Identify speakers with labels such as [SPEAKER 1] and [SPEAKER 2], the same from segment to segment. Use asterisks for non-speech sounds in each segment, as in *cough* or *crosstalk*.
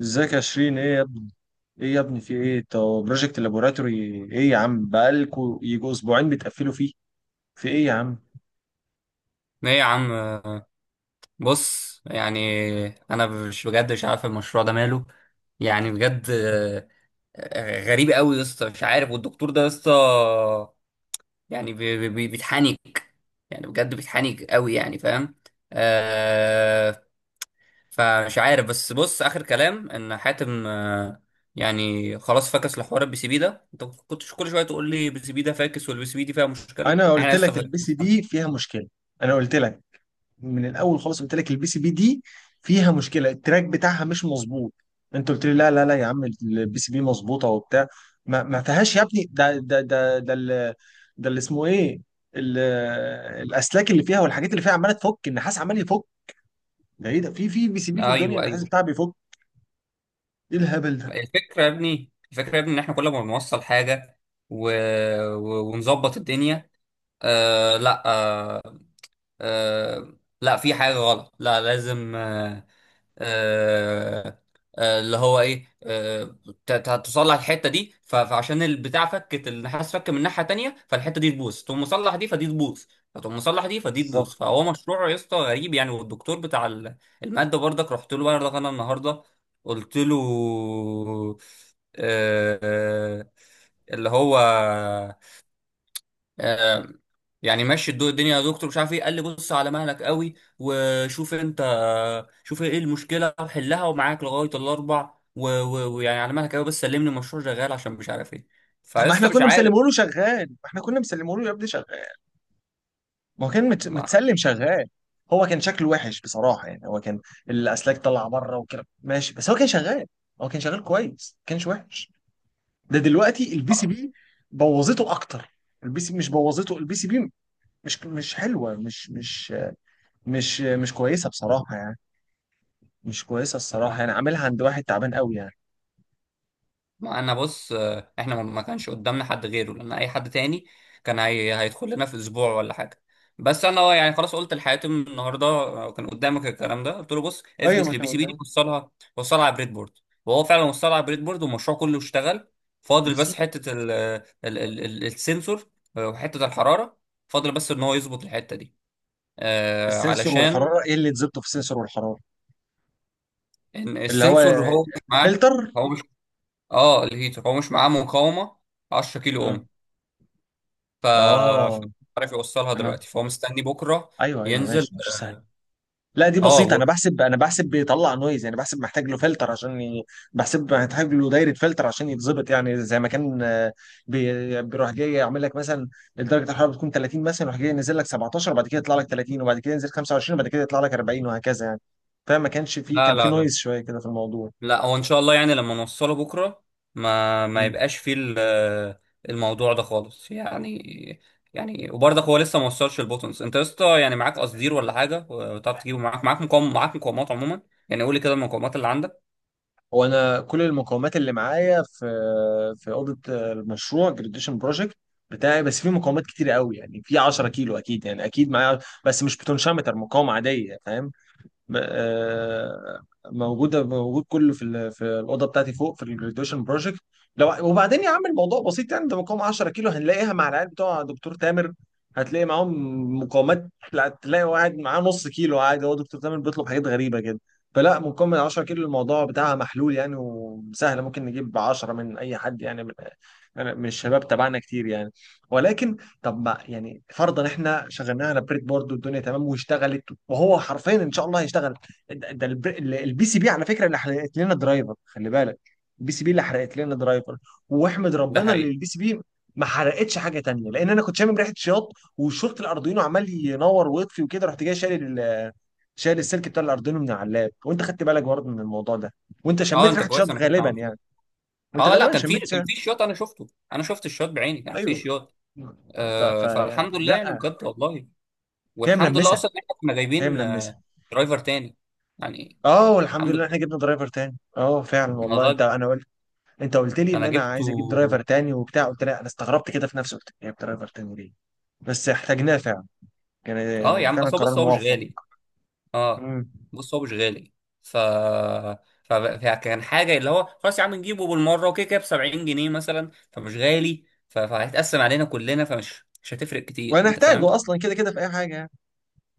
[SPEAKER 1] ازيك يا شيرين؟ ايه يا ابني؟ ايه يا ابني في ايه؟ طب بروجكت لابوراتوري ايه يا عم؟ بقالكوا يجوا اسبوعين بتقفلوا فيه. في ايه يا عم؟
[SPEAKER 2] ايه يا عم. بص، يعني انا مش، بجد مش عارف المشروع ده ماله. يعني بجد غريب قوي يا اسطى، مش عارف. والدكتور ده يا اسطى يعني بيتحنك، يعني بجد بيتحنك قوي، يعني فاهم. آه فمش عارف. بس بص، اخر كلام ان حاتم، يعني خلاص فكس لحوار البي سي بي ده. انت كنتش كل شويه تقول لي البي سي بي ده فاكس، والبي سي بي دي فيها مشكله،
[SPEAKER 1] انا قلت
[SPEAKER 2] احنا لسه
[SPEAKER 1] لك
[SPEAKER 2] فاكس.
[SPEAKER 1] البي سي بي فيها مشكله. انا قلت لك من الاول خالص، قلت لك البي سي بي دي فيها مشكله، التراك بتاعها مش مظبوط. انت قلت لي لا لا لا يا عم البي سي بي مظبوطه وبتاع. ما فيهاش يا ابني ده ده اللي اسمه ايه؟ ال- الاسلاك اللي فيها والحاجات اللي فيها عماله تفك النحاس، عمال يفك. ده ايه ده؟ في بي سي بي في الدنيا
[SPEAKER 2] ايوه،
[SPEAKER 1] النحاس
[SPEAKER 2] ايوه.
[SPEAKER 1] بتاعها بيفك؟ ايه الهبل ده؟
[SPEAKER 2] الفكرة يا ابني، الفكرة يا ابني، ان احنا كل ما بنوصل حاجة و... ونظبط الدنيا. آه لا آه آه لا، في حاجة غلط، لا لازم. آه، اللي هو ايه، تصلح الحته دي فعشان البتاع فكت النحاس، فك من ناحيه تانيه، فالحته دي تبوظ، تقوم مصلح دي فدي تبوظ، فتقوم مصلح دي فدي تبوظ.
[SPEAKER 1] بالظبط.
[SPEAKER 2] فهو مشروع يا اسطى غريب يعني. والدكتور بتاع الماده برضك، رحت له برضك انا النهارده. قلت له آه، آه، اللي هو آه، يعني ماشي الدنيا يا دكتور، مش عارف ايه. قال لي بص على مهلك قوي وشوف انت، شوف ايه المشكله وحلها، ومعاك لغايه الاربع ويعني على مهلك قوي بس سلمني المشروع شغال، عشان مش عارف ايه.
[SPEAKER 1] طب ما احنا
[SPEAKER 2] فلسه مش
[SPEAKER 1] كنا
[SPEAKER 2] عارف.
[SPEAKER 1] مسلمه له شغال، ما احنا كنا مسلمه له يا ابني شغال. ما هو كان متسلم شغال. هو كان شكله وحش بصراحه يعني، هو كان الاسلاك طالعه بره وكده ماشي، بس هو كان شغال. هو كان شغال كويس، ما كانش وحش. ده دلوقتي البي سي بي بوظته اكتر. البي سي مش بوظته البي سي بي. مش حلوه، مش مش كويسه بصراحه يعني. مش كويسه الصراحه يعني،
[SPEAKER 2] ما
[SPEAKER 1] عاملها عند واحد تعبان قوي يعني.
[SPEAKER 2] ما انا بص، احنا ما كانش قدامنا حد غيره، لان اي حد تاني كان هيدخل لنا في اسبوع ولا حاجه. بس انا يعني خلاص قلت لحاتم النهارده، كان قدامك الكلام ده، قلت له بص
[SPEAKER 1] ايوه
[SPEAKER 2] افكس
[SPEAKER 1] ما
[SPEAKER 2] للبي سي بي دي،
[SPEAKER 1] تمام.
[SPEAKER 2] وصلها، على بريد بورد. وهو فعلا وصلها على بريد بورد، والمشروع كله اشتغل. فاضل بس
[SPEAKER 1] بالظبط.
[SPEAKER 2] حته ال... السنسور، وحته الحراره. فاضل بس ان هو يظبط الحته دي،
[SPEAKER 1] السنسور
[SPEAKER 2] علشان
[SPEAKER 1] والحراره؟ ايه اللي تظبطه في السنسور والحراره؟
[SPEAKER 2] إن
[SPEAKER 1] اللي هو
[SPEAKER 2] السنسور هو مش معاه.
[SPEAKER 1] الفلتر.
[SPEAKER 2] هو مش، اه الهيتر هو مش معاه مقاومه 10 كيلو
[SPEAKER 1] مم.
[SPEAKER 2] اوم. ف ف-
[SPEAKER 1] اه.
[SPEAKER 2] عارف يوصلها
[SPEAKER 1] انا
[SPEAKER 2] دلوقتي، فهو مستني بكره
[SPEAKER 1] ايوه ايوه
[SPEAKER 2] ينزل.
[SPEAKER 1] ماشي ماشي سهل. لا، دي
[SPEAKER 2] اه
[SPEAKER 1] بسيطة.
[SPEAKER 2] و...
[SPEAKER 1] أنا بحسب بيطلع نويز يعني، بحسب محتاج له فلتر عشان بحسب محتاج له دايرة فلتر عشان يتظبط، يعني زي ما كان، بيروح جاي يعمل لك مثلا درجة الحرارة بتكون 30 مثلا، يروح جاي ينزل لك 17 وبعد كده يطلع لك 30 وبعد كده ينزل 25 وبعد كده يطلع لك 40 وهكذا يعني. فما كانش فيه،
[SPEAKER 2] لا،
[SPEAKER 1] كان فيه
[SPEAKER 2] لا، لا،
[SPEAKER 1] نويز شوية كده في الموضوع.
[SPEAKER 2] لا، هو ان شاء الله يعني لما نوصله بكره ما يبقاش فيه الموضوع ده خالص يعني. يعني وبرضك هو لسه ما وصلش البوتنز. انت يا اسطى يعني معاك قصدير ولا حاجه؟ وتعرف تجيبه معاك مقاوم، معاك مقاومات عموما. يعني قول لي كده المقاومات اللي عندك.
[SPEAKER 1] هو انا كل المقومات اللي معايا في اوضه المشروع جراديشن بروجكت بتاعي، بس في مقاومات كتير قوي يعني، في 10 كيلو اكيد، يعني اكيد معايا، بس مش بوتنشيومتر، مقاومه عاديه فاهم. م- آه، موجوده، موجود كله في في الاوضه بتاعتي فوق في الجراديويشن بروجكت. لو وبعدين يا عم الموضوع بسيط يعني، ده مقاومه 10 كيلو هنلاقيها مع العيال بتوع دكتور تامر. هتلاقي معاهم مقاومات. لا، تلاقي واحد معاه نص كيلو عادي، هو دكتور تامر بيطلب حاجات غريبه كده. فلا مقاومه 10 كيلو الموضوع بتاعها محلول يعني، وسهله، ممكن نجيب 10 من اي حد يعني، من يعني من الشباب تبعنا كتير يعني. ولكن طب ما يعني فرضا احنا شغلناها على بريد بورد والدنيا تمام واشتغلت، وهو حرفيا ان شاء الله هيشتغل. البي سي بي على فكره اللي حرقت لنا درايفر، خلي بالك. البي سي بي اللي حرقت لنا درايفر، واحمد
[SPEAKER 2] ده
[SPEAKER 1] ربنا اللي
[SPEAKER 2] حقيقي.
[SPEAKER 1] البي سي بي ما حرقتش حاجه تانية، لان انا كنت شامم ريحه شياط وشورت الاردوينو عمال ينور ويطفي وكده، رحت جاي شايل شايل السلك بتاع الاردوينو من على اللاب. وانت خدت بالك برضه من الموضوع ده، وانت
[SPEAKER 2] اه
[SPEAKER 1] شميت
[SPEAKER 2] انت
[SPEAKER 1] ريحه شياط
[SPEAKER 2] كويس، انا كنت
[SPEAKER 1] غالبا
[SPEAKER 2] عملت كده.
[SPEAKER 1] يعني، وانت
[SPEAKER 2] اه لا،
[SPEAKER 1] غالبا شميت
[SPEAKER 2] كان
[SPEAKER 1] شياط.
[SPEAKER 2] في شياط، انا شفته. انا شفت الشياط بعيني، كان في
[SPEAKER 1] ايوه.
[SPEAKER 2] شياط.
[SPEAKER 1] ف... ف...
[SPEAKER 2] فالحمد لله، يعني
[SPEAKER 1] لا،
[SPEAKER 2] بجد والله.
[SPEAKER 1] هي
[SPEAKER 2] والحمد لله
[SPEAKER 1] ملمسه،
[SPEAKER 2] اصلا إن احنا كنا
[SPEAKER 1] هي
[SPEAKER 2] جايبين
[SPEAKER 1] ملمسه.
[SPEAKER 2] درايفر تاني، يعني
[SPEAKER 1] اه والحمد
[SPEAKER 2] الحمد
[SPEAKER 1] لله احنا
[SPEAKER 2] لله.
[SPEAKER 1] جبنا درايفر تاني، اه فعلا
[SPEAKER 2] انا
[SPEAKER 1] والله. انت،
[SPEAKER 2] راجل،
[SPEAKER 1] انا قلت، انت قلت لي ان
[SPEAKER 2] انا
[SPEAKER 1] انا
[SPEAKER 2] جبته.
[SPEAKER 1] عايز اجيب درايفر تاني وبتاع، قلت لا. انا استغربت كده في نفسي، قلت جايب درايفر تاني ليه؟ بس احتاجناه فعلا، كان
[SPEAKER 2] اه يا
[SPEAKER 1] يعني
[SPEAKER 2] عم،
[SPEAKER 1] فعلا
[SPEAKER 2] اصل
[SPEAKER 1] قرار
[SPEAKER 2] بص هو مش
[SPEAKER 1] موفق.
[SPEAKER 2] غالي. اه
[SPEAKER 1] مم.
[SPEAKER 2] بص هو مش غالي، ف... فكان حاجه، اللي هو خلاص يا عم نجيبه بالمره، وكده كده ب 70 جنيه مثلا، فمش غالي. فهيتقسم علينا كلنا، فمش مش هتفرق كتير، انت
[SPEAKER 1] وهنحتاجه
[SPEAKER 2] فاهم؟
[SPEAKER 1] اصلا كده كده في اي حاجه يعني.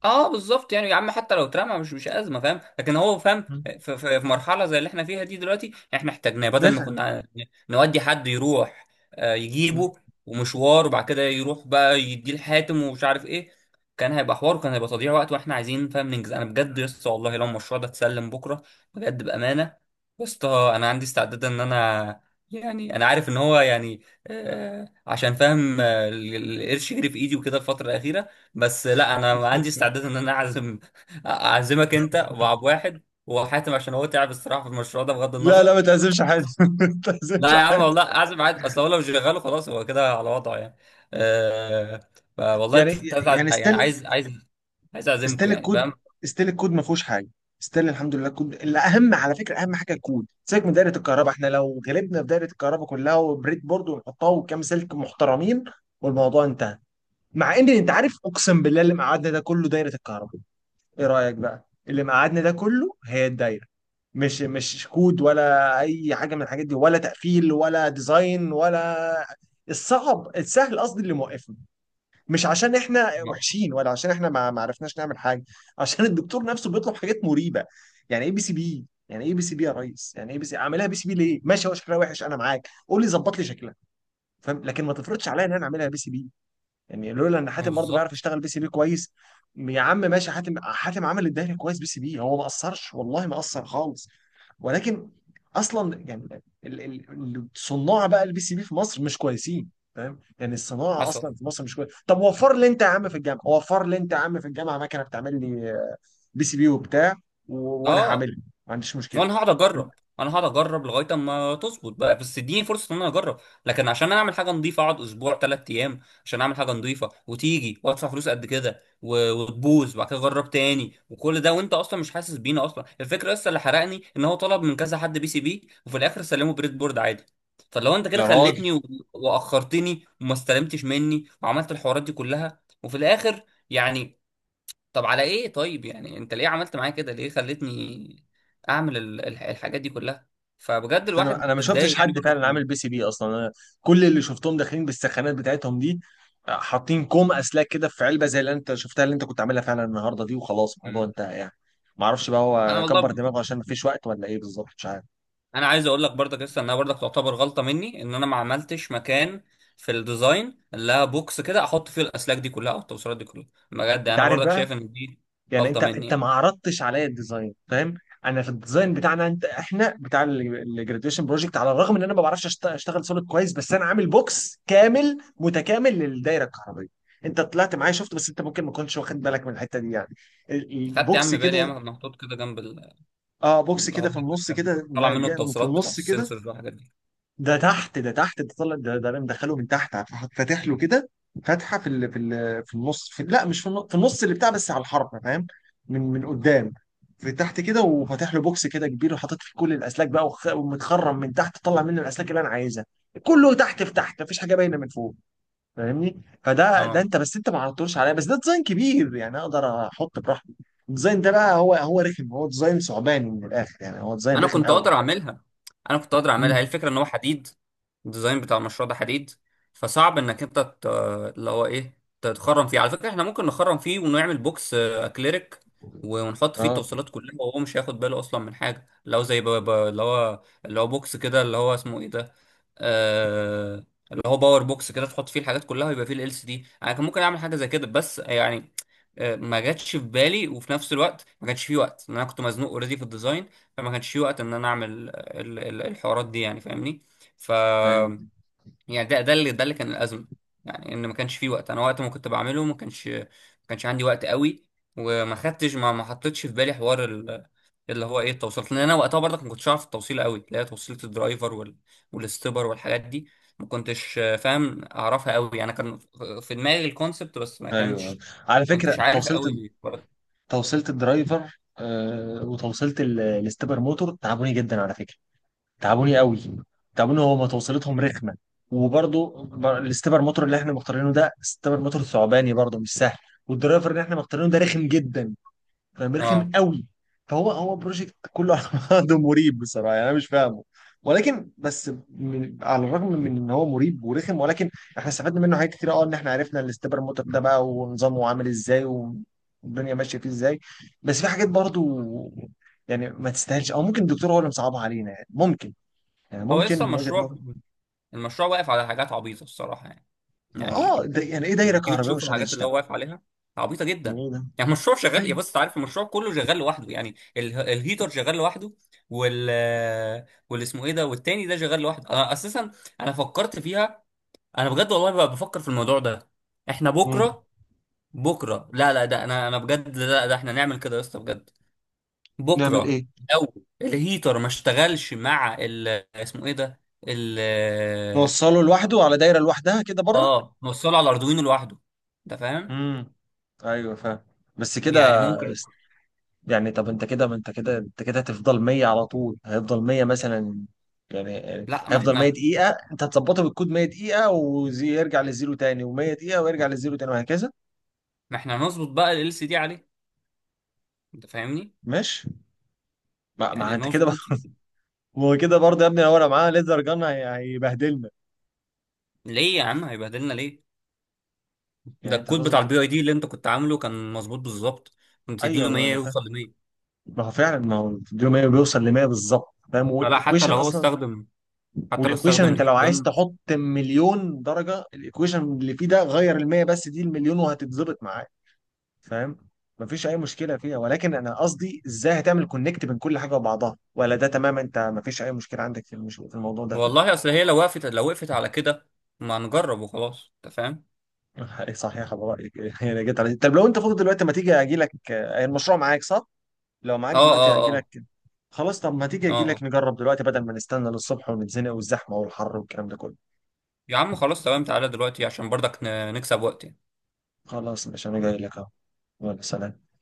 [SPEAKER 2] اه بالظبط. يعني يا عم حتى لو اترمى مش ازمه، فاهم؟ لكن هو فاهم
[SPEAKER 1] مم.
[SPEAKER 2] في مرحله زي اللي احنا فيها دي دلوقتي يعني، احنا احتاجناه. بدل ما
[SPEAKER 1] نفهم.
[SPEAKER 2] كنا نودي حد يروح
[SPEAKER 1] مم.
[SPEAKER 2] يجيبه ومشوار، وبعد كده يروح بقى يديه الحاتم ومش عارف ايه، كان هيبقى حوار، وكان هيبقى تضييع وقت، واحنا عايزين فاهم ننجز. انا بجد يا اسطى، والله لو المشروع ده اتسلم بكره، بجد بامانه يا اسطى، انا عندي استعداد ان انا، يعني انا عارف ان هو يعني، عشان فاهم، القرش يجري في ايدي وكده الفتره الاخيره. بس لا، انا عندي استعداد
[SPEAKER 1] *laughs*
[SPEAKER 2] ان انا اعزم *laughs* اعزمك انت وعب واحد وحاتم، عشان هو تعب الصراحه في المشروع ده، بغض
[SPEAKER 1] لا لا،
[SPEAKER 2] النظر.
[SPEAKER 1] ما تأزمش حد. *laughs* ما
[SPEAKER 2] لا
[SPEAKER 1] تأزمش
[SPEAKER 2] يا عم
[SPEAKER 1] حد.
[SPEAKER 2] والله، اعزم عادي. اصل هو لو شغاله خلاص هو كده على وضعه يعني. أه والله
[SPEAKER 1] يعني،
[SPEAKER 2] انت. أنت عايز-
[SPEAKER 1] يعني
[SPEAKER 2] يعني
[SPEAKER 1] ستيل،
[SPEAKER 2] عايز عايز عايز اعزمكم
[SPEAKER 1] ستيل
[SPEAKER 2] يعني،
[SPEAKER 1] الكود،
[SPEAKER 2] فاهم؟
[SPEAKER 1] ستيل الكود ما فيهوش حاجه. ستيل الحمد لله الكود الاهم على فكره. اهم حاجه الكود، سيبك من دايره الكهرباء. احنا لو غلبنا في دايره الكهرباء كلها وبريد بورد ونحطها وكام سلك محترمين، والموضوع انتهى. مع ان انت عارف اقسم بالله اللي مقعدنا ده كله دايره الكهرباء. ايه رايك بقى؟ اللي مقعدنا ده كله هي الدايره، مش كود ولا اي حاجه من الحاجات دي، ولا تقفيل ولا ديزاين ولا الصعب السهل، قصدي اللي موقفنا. مش عشان احنا
[SPEAKER 2] ما
[SPEAKER 1] وحشين، ولا عشان احنا ما عرفناش نعمل حاجه، عشان الدكتور نفسه بيطلب حاجات مريبه. يعني ايه بي سي بي؟ يعني ايه بي سي بي يا ريس؟ يعني ايه بي سي؟ اعملها بي سي بي ليه؟ ماشي، هو شكلها وحش انا معاك، قول لي ظبط لي شكلها، فاهم. لكن ما تفرضش عليا ان انا اعملها بي سي بي. يعني لولا ان
[SPEAKER 2] ما
[SPEAKER 1] حاتم برضه بيعرف
[SPEAKER 2] بالظبط.
[SPEAKER 1] يشتغل بي سي بي كويس. يا عم ماشي، حاتم حاتم عمل الدوري كويس بي سي بي، هو ما قصرش والله، ما قصر خالص. ولكن اصلا يعني الصناع بقى البي سي بي في مصر مش كويسين، فاهم. يعني الصناعه
[SPEAKER 2] حصل.
[SPEAKER 1] اصلا في مصر مش كويس. طب وفر لي انت يا عم في الجامعه، وفر لي انت يا عم في الجامعه مكنه بتعمل لي بي سي بي وبتاع، و... وانا
[SPEAKER 2] اه،
[SPEAKER 1] هعملها، ما عنديش مشكله.
[SPEAKER 2] وانا هقعد اجرب، لغايه اما تظبط بقى، بس اديني فرصه ان انا اجرب. لكن عشان انا اعمل حاجه نظيفه، اقعد اسبوع ثلاث ايام عشان اعمل حاجه نظيفه، وتيجي وادفع فلوس قد كده وتبوظ، وبعد كده اجرب تاني، وكل ده وانت اصلا مش حاسس بينا. اصلا الفكره لسه اللي حرقني، ان هو طلب من كذا حد بي سي بي، وفي الاخر سلمه بريد بورد عادي. فلو انت كده
[SPEAKER 1] يا راجل،
[SPEAKER 2] خليتني واخرتني، وما استلمتش مني، وعملت الحوارات دي كلها، وفي الاخر يعني، طب على ايه؟ طيب يعني انت ليه عملت معايا كده؟ ليه خلتني اعمل الحاجات دي كلها؟ فبجد
[SPEAKER 1] بس
[SPEAKER 2] الواحد
[SPEAKER 1] انا ما شفتش
[SPEAKER 2] اتضايق يعني،
[SPEAKER 1] حد
[SPEAKER 2] برضك
[SPEAKER 1] فعلا عامل
[SPEAKER 2] م-
[SPEAKER 1] بي سي بي اصلا. انا كل اللي شفتهم داخلين بالسخانات بتاعتهم دي، حاطين كوم اسلاك كده في علبه زي اللي انت شفتها، اللي انت كنت عاملها فعلا النهارده دي، وخلاص الموضوع
[SPEAKER 2] م.
[SPEAKER 1] انتهى يعني. ما اعرفش بقى
[SPEAKER 2] انا
[SPEAKER 1] هو كبر
[SPEAKER 2] والله،
[SPEAKER 1] دماغه عشان ما فيش وقت ولا ايه بالظبط، مش عارف.
[SPEAKER 2] انا عايز اقول لك برضك، لسه انها برضك تعتبر غلطه مني، ان انا ما عملتش مكان في الديزاين، لا بوكس كده احط فيه الاسلاك دي كلها، او التوصيلات دي كلها. بجد
[SPEAKER 1] انت
[SPEAKER 2] انا
[SPEAKER 1] عارف
[SPEAKER 2] برضك
[SPEAKER 1] بقى،
[SPEAKER 2] شايف ان دي
[SPEAKER 1] يعني
[SPEAKER 2] غلطه
[SPEAKER 1] انت
[SPEAKER 2] مني
[SPEAKER 1] انت
[SPEAKER 2] يعني.
[SPEAKER 1] ما عرضتش عليا الديزاين فاهم. انا في الديزاين بتاعنا انت، احنا بتاع الجراديويشن بروجكت، على الرغم ان انا ما بعرفش اشتغل سوليد كويس، بس انا عامل بوكس كامل متكامل للدايره الكهربائيه. انت طلعت معايا شفت، بس انت ممكن ما كنتش واخد بالك من الحته دي يعني،
[SPEAKER 2] خدت يا عم
[SPEAKER 1] البوكس
[SPEAKER 2] بالي، يا
[SPEAKER 1] كده.
[SPEAKER 2] عم محطوط كده جنب
[SPEAKER 1] اه بوكس
[SPEAKER 2] اللي هو،
[SPEAKER 1] كده في النص
[SPEAKER 2] كان
[SPEAKER 1] كده،
[SPEAKER 2] طالع
[SPEAKER 1] ما
[SPEAKER 2] منه
[SPEAKER 1] جاء- في
[SPEAKER 2] التوصيلات بتاعت
[SPEAKER 1] النص كده.
[SPEAKER 2] السنسورز والحاجات دي.
[SPEAKER 1] ده تحت، ده تحت، ده طلع، ده انا مدخله من تحت، فاتح له كده فتحه في في النص. في لا، مش في النص، في النص اللي بتاع بس على الحرف فاهم. من قدام، في تحت كده، وفاتح له بوكس كده كبير وحاطط فيه كل الاسلاك بقى، ومتخرم من تحت طلع منه الاسلاك اللي انا عايزها. كله تحت، في تحت مفيش حاجه باينه من فوق، فاهمني. فده
[SPEAKER 2] اه،
[SPEAKER 1] انت، بس انت ما عرضتوش عليا، بس ده ديزاين كبير يعني اقدر احط براحتي. الديزاين ده بقى هو رخم، هو ديزاين ثعباني من الاخر يعني، هو ديزاين
[SPEAKER 2] انا
[SPEAKER 1] رخم
[SPEAKER 2] كنت
[SPEAKER 1] قوي.
[SPEAKER 2] اقدر اعملها، هي
[SPEAKER 1] امم.
[SPEAKER 2] الفكره ان هو حديد، الديزاين بتاع المشروع ده حديد، فصعب انك انت اللي هو ايه، تتخرم فيه. على فكره، احنا ممكن نخرم فيه ونعمل بوكس اكليريك، ونحط فيه
[SPEAKER 1] اه.
[SPEAKER 2] التوصيلات كلها، وهو مش هياخد باله اصلا من حاجه. لو زي اللي هو بوكس كده، اللي هو اسمه ايه ده، آه اللي هو باور بوكس كده، تحط فيه الحاجات كلها، ويبقى فيه ال سي دي. انا كان ممكن اعمل حاجه زي كده، بس يعني ما جاتش في بالي، وفي نفس الوقت ما كانش فيه وقت، لأن انا كنت مزنوق اوريدي في الديزاين. فما كانش في وقت ان انا اعمل الحوارات دي يعني، فاهمني؟ ف
[SPEAKER 1] ايوه
[SPEAKER 2] يعني ده، ده اللي كان الازمه. يعني ان ما كانش في وقت. انا وقت ما كنت بعمله ما كانش عندي وقت قوي، وما خدتش، ما حطيتش في بالي حوار اللي هو ايه، التوصيلات، لان انا وقتها برضك ما كنتش عارف التوصيل قوي، اللي هي توصيله الدرايفر والاستبر والحاجات دي. ما كنتش فاهم اعرفها قوي. انا كان في دماغي الكونسبت بس، ما
[SPEAKER 1] ايوه
[SPEAKER 2] كانش،
[SPEAKER 1] على
[SPEAKER 2] ما
[SPEAKER 1] فكره.
[SPEAKER 2] كنتش عارف
[SPEAKER 1] توصيله،
[SPEAKER 2] قوي برضه.
[SPEAKER 1] توصيله الدرايفر، وتوصيله الاستبر موتور تعبوني جدا على فكره. تعبوني قوي، تعبوني. هما توصيلتهم رخمه. وبرضه الاستبر موتور اللي احنا مختارينه ده استبر موتور ثعباني، برضه مش سهل. والدرايفر اللي احنا مختارينه ده رخم جدا، فرخم
[SPEAKER 2] اه،
[SPEAKER 1] قوي. فهو هو بروجكت كله على بعضه *laughs* مريب بصراحه يعني، انا مش فاهمه. ولكن بس من، على الرغم من ان هو مريب ورخم، ولكن احنا استفدنا منه حاجات كتير، اه، ان احنا عرفنا الاستبر موتور ده بقى ونظامه عامل ازاي، والدنيا ماشيه فيه ازاي. بس في حاجات برضو يعني ما تستاهلش، او ممكن الدكتور هو اللي مصعبها علينا يعني، ممكن. يعني
[SPEAKER 2] هو
[SPEAKER 1] ممكن
[SPEAKER 2] لسه
[SPEAKER 1] من وجهه
[SPEAKER 2] المشروع،
[SPEAKER 1] نظر.
[SPEAKER 2] واقف على حاجات عبيطه الصراحه يعني.
[SPEAKER 1] اه
[SPEAKER 2] يعني
[SPEAKER 1] ده يعني ايه دايره
[SPEAKER 2] لما تيجي
[SPEAKER 1] كهربائيه
[SPEAKER 2] تشوف
[SPEAKER 1] مش قادره
[SPEAKER 2] الحاجات اللي
[SPEAKER 1] تشتغل؟
[SPEAKER 2] هو واقف عليها عبيطه
[SPEAKER 1] يعني
[SPEAKER 2] جدا.
[SPEAKER 1] ايه ده؟
[SPEAKER 2] يعني المشروع شغال، يا
[SPEAKER 1] أيوة.
[SPEAKER 2] بص انت عارف المشروع كله شغال لوحده، يعني الهيتر شغال لوحده، وال واللي اسمه ايه ده والتاني ده شغال لوحده. انا اساسا انا فكرت فيها، انا بجد والله بقى بفكر في الموضوع ده. احنا
[SPEAKER 1] مم.
[SPEAKER 2] بكره، لا لا، ده انا، بجد لا، ده احنا نعمل كده يا اسطى، بجد.
[SPEAKER 1] نعمل
[SPEAKER 2] بكره
[SPEAKER 1] ايه؟
[SPEAKER 2] لو الهيتر ما اشتغلش مع ال، اسمه ايه ده، ال،
[SPEAKER 1] نوصله لوحده على دايره لوحدها كده بره.
[SPEAKER 2] اه موصله على الاردوينو لوحده، انت فاهم؟
[SPEAKER 1] امم. ايوه فاهم. بس كده.
[SPEAKER 2] يعني ممكن.
[SPEAKER 1] است- يعني طب انت كده، ما انت كده، انت كده هتفضل 100 على طول، هيفضل 100 مثلا. يعني
[SPEAKER 2] لا ما
[SPEAKER 1] هيفضل 100
[SPEAKER 2] احنا،
[SPEAKER 1] دقيقة، انت هتظبطه بالكود 100 دقيقة ويرجع للزيرو تاني و100 دقيقة ويرجع للزيرو تاني وهكذا.
[SPEAKER 2] نظبط بقى ال سي دي عليه، انت فاهمني؟
[SPEAKER 1] ماشي. ما
[SPEAKER 2] يعني
[SPEAKER 1] انت كده بقى.
[SPEAKER 2] نظبط.
[SPEAKER 1] *laughs* ما هو كده برضه يا ابني، لو انا معاه ليزر جان هيبهدلنا.
[SPEAKER 2] ليه يا عم هيبهدلنا ليه؟ ده
[SPEAKER 1] يعني انت
[SPEAKER 2] الكود بتاع
[SPEAKER 1] هتظبط
[SPEAKER 2] البي اي دي اللي انت كنت عامله كان مظبوط بالظبط، كنت تديله
[SPEAKER 1] ايوه ما
[SPEAKER 2] 100
[SPEAKER 1] انا فاهم.
[SPEAKER 2] يوصل ل 100.
[SPEAKER 1] ما هو فعلا ما هو الفيديو 100 بيوصل ل 100 بالظبط فاهم،
[SPEAKER 2] فلا،
[SPEAKER 1] والايكويشن اصلا.
[SPEAKER 2] حتى لو
[SPEAKER 1] والايكويشن
[SPEAKER 2] استخدم
[SPEAKER 1] انت
[SPEAKER 2] الهيت
[SPEAKER 1] لو عايز
[SPEAKER 2] جن.
[SPEAKER 1] تحط مليون درجه، الايكويشن اللي فيه ده غير المية بس، دي المليون وهتتظبط معاك فاهم. مفيش اي مشكله فيها، ولكن انا قصدي ازاي هتعمل كونكت بين كل حاجه وبعضها؟ ولا ده تمام انت؟ مفيش اي مشكله عندك في في الموضوع ده.
[SPEAKER 2] والله اصل هي لو وقفت، على كده ما نجرب وخلاص، انت فاهم؟
[SPEAKER 1] *laughs* صحيح على رايك. *laughs* يعني جيت على، طب لو انت فاضي دلوقتي ما تيجي اجي لك، المشروع معاك صح؟ لو معاك
[SPEAKER 2] اه، اه،
[SPEAKER 1] دلوقتي اجي لك.
[SPEAKER 2] اه،
[SPEAKER 1] خلاص طب ما تيجي
[SPEAKER 2] اه،
[SPEAKER 1] اجي لك نجرب دلوقتي، بدل ما نستنى للصبح ونتزنق والزحمه والحر والكلام ده كله.
[SPEAKER 2] يا عم خلاص تمام، تعالى دلوقتي عشان برضك نكسب وقت يعني.
[SPEAKER 1] خلاص مش انا جاي لك اهو. يلا سلام.